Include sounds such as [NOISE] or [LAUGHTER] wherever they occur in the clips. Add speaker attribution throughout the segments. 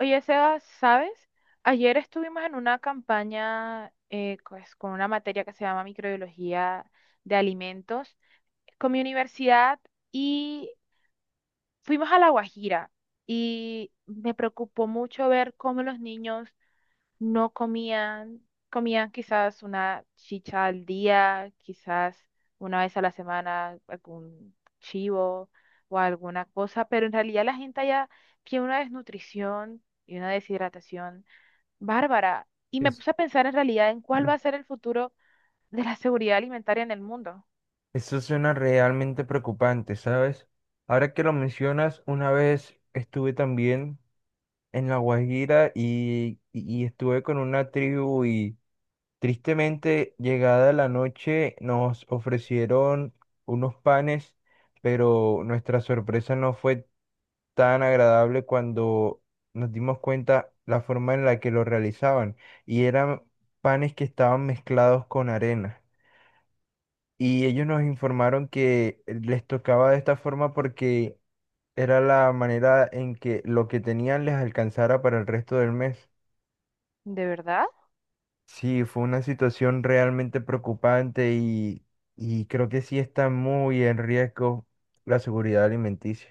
Speaker 1: Oye, Sebas, ¿sabes? Ayer estuvimos en una campaña con una materia que se llama microbiología de alimentos con mi universidad y fuimos a La Guajira y me preocupó mucho ver cómo los niños no comían, comían quizás una chicha al día, quizás una vez a la semana algún chivo o alguna cosa, pero en realidad la gente allá tiene una desnutrición y una deshidratación Bárbara, y me
Speaker 2: Es-
Speaker 1: puse a pensar en realidad en cuál va a
Speaker 2: [CLEARS THROAT]
Speaker 1: ser el futuro de la seguridad alimentaria en el mundo.
Speaker 2: Eso suena realmente preocupante, ¿sabes? Ahora que lo mencionas, una vez estuve también en La Guajira y estuve con una tribu y tristemente llegada la noche nos ofrecieron unos panes, pero nuestra sorpresa no fue tan agradable cuando nos dimos cuenta la forma en la que lo realizaban y eran panes que estaban mezclados con arena. Y ellos nos informaron que les tocaba de esta forma porque era la manera en que lo que tenían les alcanzara para el resto del mes.
Speaker 1: ¿De verdad?
Speaker 2: Sí, fue una situación realmente preocupante y creo que sí está muy en riesgo la seguridad alimenticia.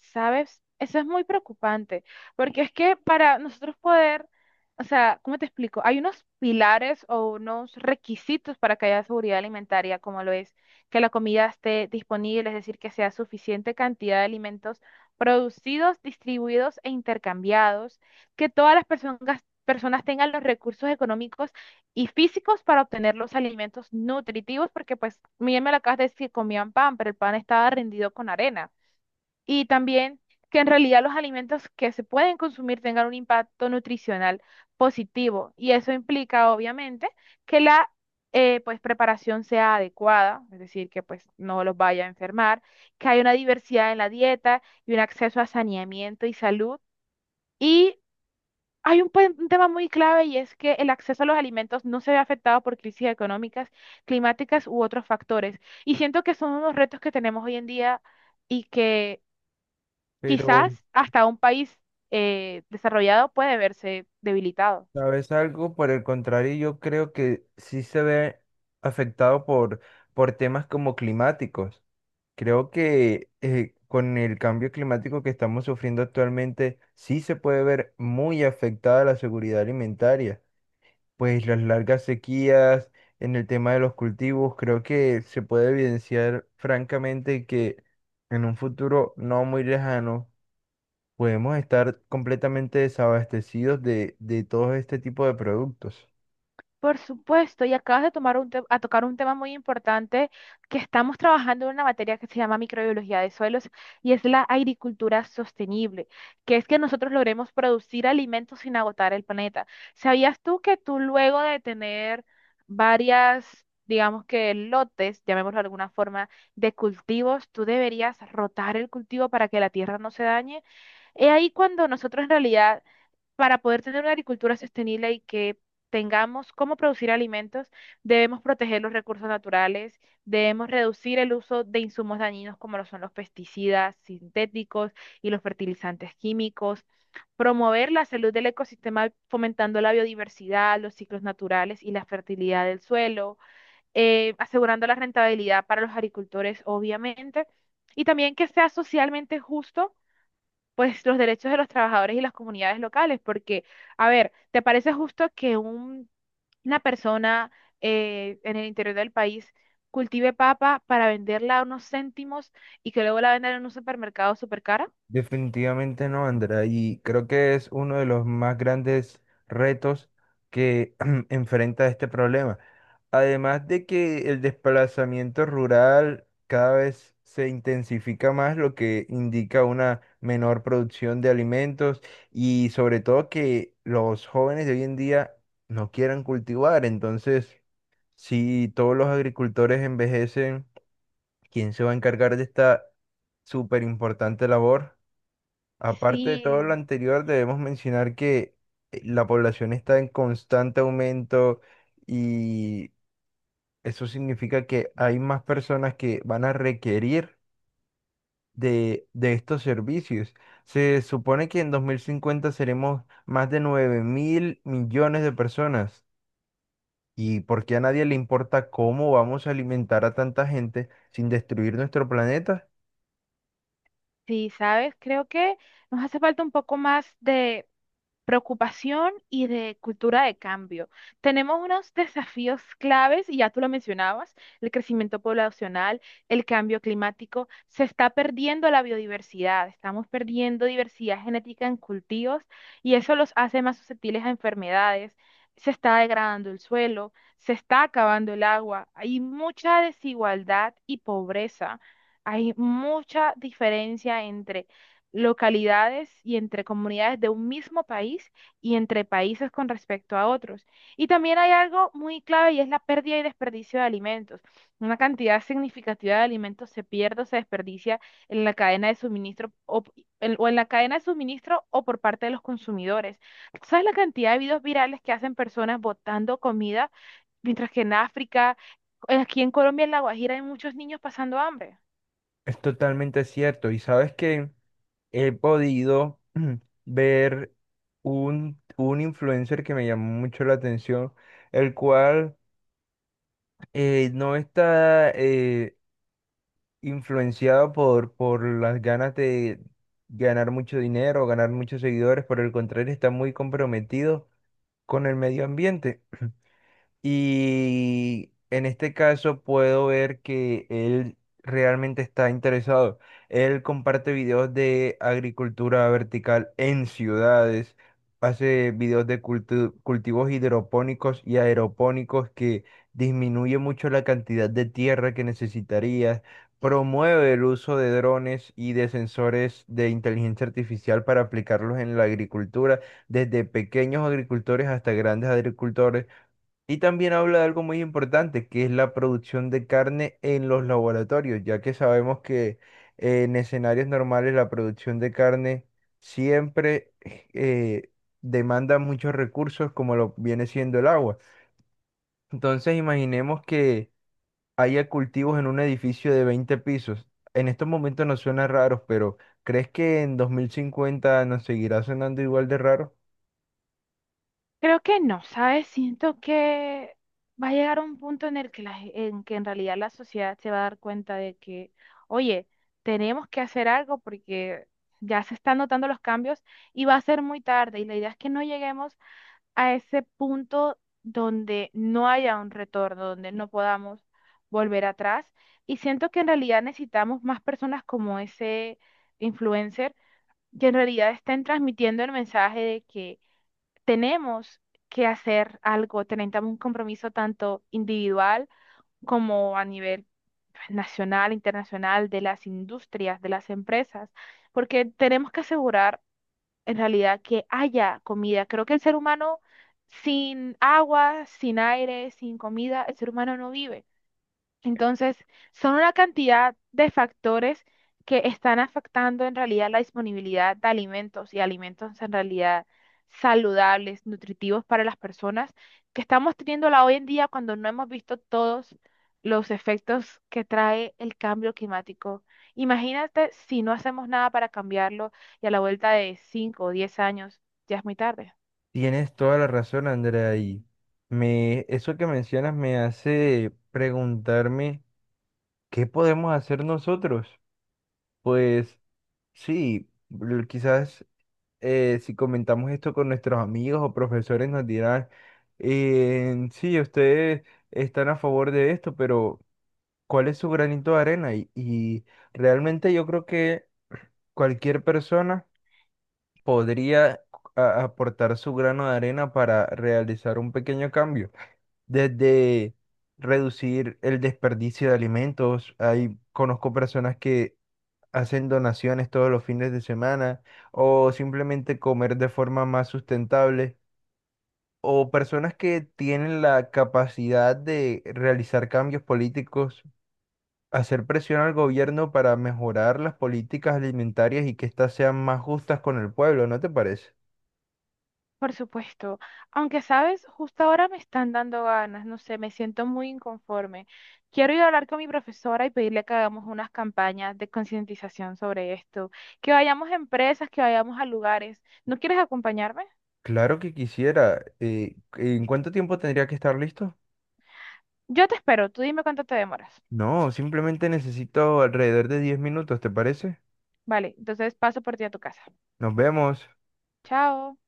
Speaker 1: ¿Sabes? Eso es muy preocupante, porque es que para nosotros poder, o sea, ¿cómo te explico? Hay unos pilares o unos requisitos para que haya seguridad alimentaria, como lo es que la comida esté disponible, es decir, que sea suficiente cantidad de alimentos producidos, distribuidos e intercambiados, que todas las personas, personas tengan los recursos económicos y físicos para obtener los alimentos nutritivos, porque pues, bien me lo acabas de decir, comían pan, pero el pan estaba rendido con arena y también que en realidad los alimentos que se pueden consumir tengan un impacto nutricional positivo. Y eso implica, obviamente, que la preparación sea adecuada, es decir, que pues, no los vaya a enfermar, que haya una diversidad en la dieta y un acceso a saneamiento y salud. Y hay un tema muy clave y es que el acceso a los alimentos no se ve afectado por crisis económicas, climáticas u otros factores. Y siento que son unos retos que tenemos hoy en día y que
Speaker 2: Pero,
Speaker 1: quizás hasta un país desarrollado puede verse debilitado.
Speaker 2: ¿sabes algo? Por el contrario, yo creo que sí se ve afectado por temas como climáticos. Creo que con el cambio climático que estamos sufriendo actualmente, sí se puede ver muy afectada la seguridad alimentaria, pues las largas sequías en el tema de los cultivos, creo que se puede evidenciar francamente que en un futuro no muy lejano podemos estar completamente desabastecidos de todo este tipo de productos.
Speaker 1: Por supuesto, y acabas de tomar a tocar un tema muy importante que estamos trabajando en una materia que se llama microbiología de suelos y es la agricultura sostenible, que es que nosotros logremos producir alimentos sin agotar el planeta. ¿Sabías tú que tú luego de tener varias, digamos que lotes, llamémoslo de alguna forma, de cultivos, tú deberías rotar el cultivo para que la tierra no se dañe? Es ahí cuando nosotros en realidad, para poder tener una agricultura sostenible y que tengamos cómo producir alimentos, debemos proteger los recursos naturales, debemos reducir el uso de insumos dañinos como lo son los pesticidas sintéticos y los fertilizantes químicos, promover la salud del ecosistema fomentando la biodiversidad, los ciclos naturales y la fertilidad del suelo, asegurando la rentabilidad para los agricultores, obviamente, y también que sea socialmente justo pues los derechos de los trabajadores y las comunidades locales, porque, a ver, ¿te parece justo que una persona en el interior del país cultive papa para venderla a unos céntimos y que luego la vendan en un supermercado súper cara?
Speaker 2: Definitivamente no, Andrea, y creo que es uno de los más grandes retos que [CLEARS THROAT] enfrenta este problema. Además de que el desplazamiento rural cada vez se intensifica más, lo que indica una menor producción de alimentos y sobre todo que los jóvenes de hoy en día no quieran cultivar. Entonces, si todos los agricultores envejecen, ¿quién se va a encargar de esta súper importante labor? Aparte de todo lo
Speaker 1: Sí,
Speaker 2: anterior, debemos mencionar que la población está en constante aumento y eso significa que hay más personas que van a requerir de estos servicios. Se supone que en 2050 seremos más de 9.000 millones de personas. ¿Y por qué a nadie le importa cómo vamos a alimentar a tanta gente sin destruir nuestro planeta?
Speaker 1: sí, ¿sabes? Creo que nos hace falta un poco más de preocupación y de cultura de cambio. Tenemos unos desafíos claves, y ya tú lo mencionabas, el crecimiento poblacional, el cambio climático, se está perdiendo la biodiversidad, estamos perdiendo diversidad genética en cultivos y eso los hace más susceptibles a enfermedades. Se está degradando el suelo, se está acabando el agua, hay mucha desigualdad y pobreza, hay mucha diferencia entre localidades y entre comunidades de un mismo país y entre países con respecto a otros. Y también hay algo muy clave y es la pérdida y desperdicio de alimentos. Una cantidad significativa de alimentos se pierde o se desperdicia en la cadena de suministro o en la cadena de suministro o por parte de los consumidores. ¿Sabes la cantidad de videos virales que hacen personas botando comida, mientras que en África, aquí en Colombia, en La Guajira, hay muchos niños pasando hambre?
Speaker 2: Es totalmente cierto. ¿Y sabes qué? He podido [CLEARS THROAT] ver un influencer que me llamó mucho la atención, el cual no está influenciado por las ganas de ganar mucho dinero, ganar muchos seguidores. Por el contrario, está muy comprometido con el medio ambiente. Y en este caso puedo ver que él realmente está interesado. Él comparte videos de agricultura vertical en ciudades, hace videos de cultivos hidropónicos y aeropónicos que disminuye mucho la cantidad de tierra que necesitarías. Promueve el uso de drones y de sensores de inteligencia artificial para aplicarlos en la agricultura, desde pequeños agricultores hasta grandes agricultores, y también habla de algo muy importante, que es la producción de carne en los laboratorios, ya que sabemos que en escenarios normales la producción de carne siempre demanda muchos recursos, como lo viene siendo el agua. Entonces, imaginemos que haya cultivos en un edificio de 20 pisos. En estos momentos nos suena raros, pero ¿crees que en 2050 nos seguirá sonando igual de raro?
Speaker 1: Creo que no, ¿sabes? Siento que va a llegar un punto en el que en que en realidad la sociedad se va a dar cuenta de que, oye, tenemos que hacer algo porque ya se están notando los cambios y va a ser muy tarde. Y la idea es que no lleguemos a ese punto donde no haya un retorno, donde no podamos volver atrás. Y siento que en realidad necesitamos más personas como ese influencer que en realidad estén transmitiendo el mensaje de que tenemos que hacer algo, tenemos un compromiso tanto individual como a nivel pues, nacional, internacional, de las industrias, de las empresas, porque tenemos que asegurar en realidad que haya comida. Creo que el ser humano sin agua, sin aire, sin comida, el ser humano no vive. Entonces, son una cantidad de factores que están afectando en realidad la disponibilidad de alimentos y alimentos en realidad saludables, nutritivos para las personas, que estamos teniéndola hoy en día cuando no hemos visto todos los efectos que trae el cambio climático. Imagínate si no hacemos nada para cambiarlo y a la vuelta de 5 o 10 años ya es muy tarde.
Speaker 2: Tienes toda la razón, Andrea, y me, eso que mencionas me hace preguntarme qué podemos hacer nosotros. Pues sí, quizás si comentamos esto con nuestros amigos o profesores nos dirán, sí, ustedes están a favor de esto, pero ¿cuál es su granito de arena? Y realmente yo creo que cualquier persona podría aportar su grano de arena para realizar un pequeño cambio. Desde reducir el desperdicio de alimentos, hay, conozco personas que hacen donaciones todos los fines de semana o simplemente comer de forma más sustentable. O personas que tienen la capacidad de realizar cambios políticos, hacer presión al gobierno para mejorar las políticas alimentarias y que éstas sean más justas con el pueblo, ¿no te parece?
Speaker 1: Por supuesto, aunque sabes, justo ahora me están dando ganas, no sé, me siento muy inconforme. Quiero ir a hablar con mi profesora y pedirle que hagamos unas campañas de concientización sobre esto, que vayamos a empresas, que vayamos a lugares. ¿No quieres acompañarme?
Speaker 2: Claro que quisiera. ¿En cuánto tiempo tendría que estar listo?
Speaker 1: Yo te espero, tú dime cuánto te demoras.
Speaker 2: No, simplemente necesito alrededor de 10 minutos, ¿te parece?
Speaker 1: Vale, entonces paso por ti a tu casa.
Speaker 2: Nos vemos.
Speaker 1: Chao.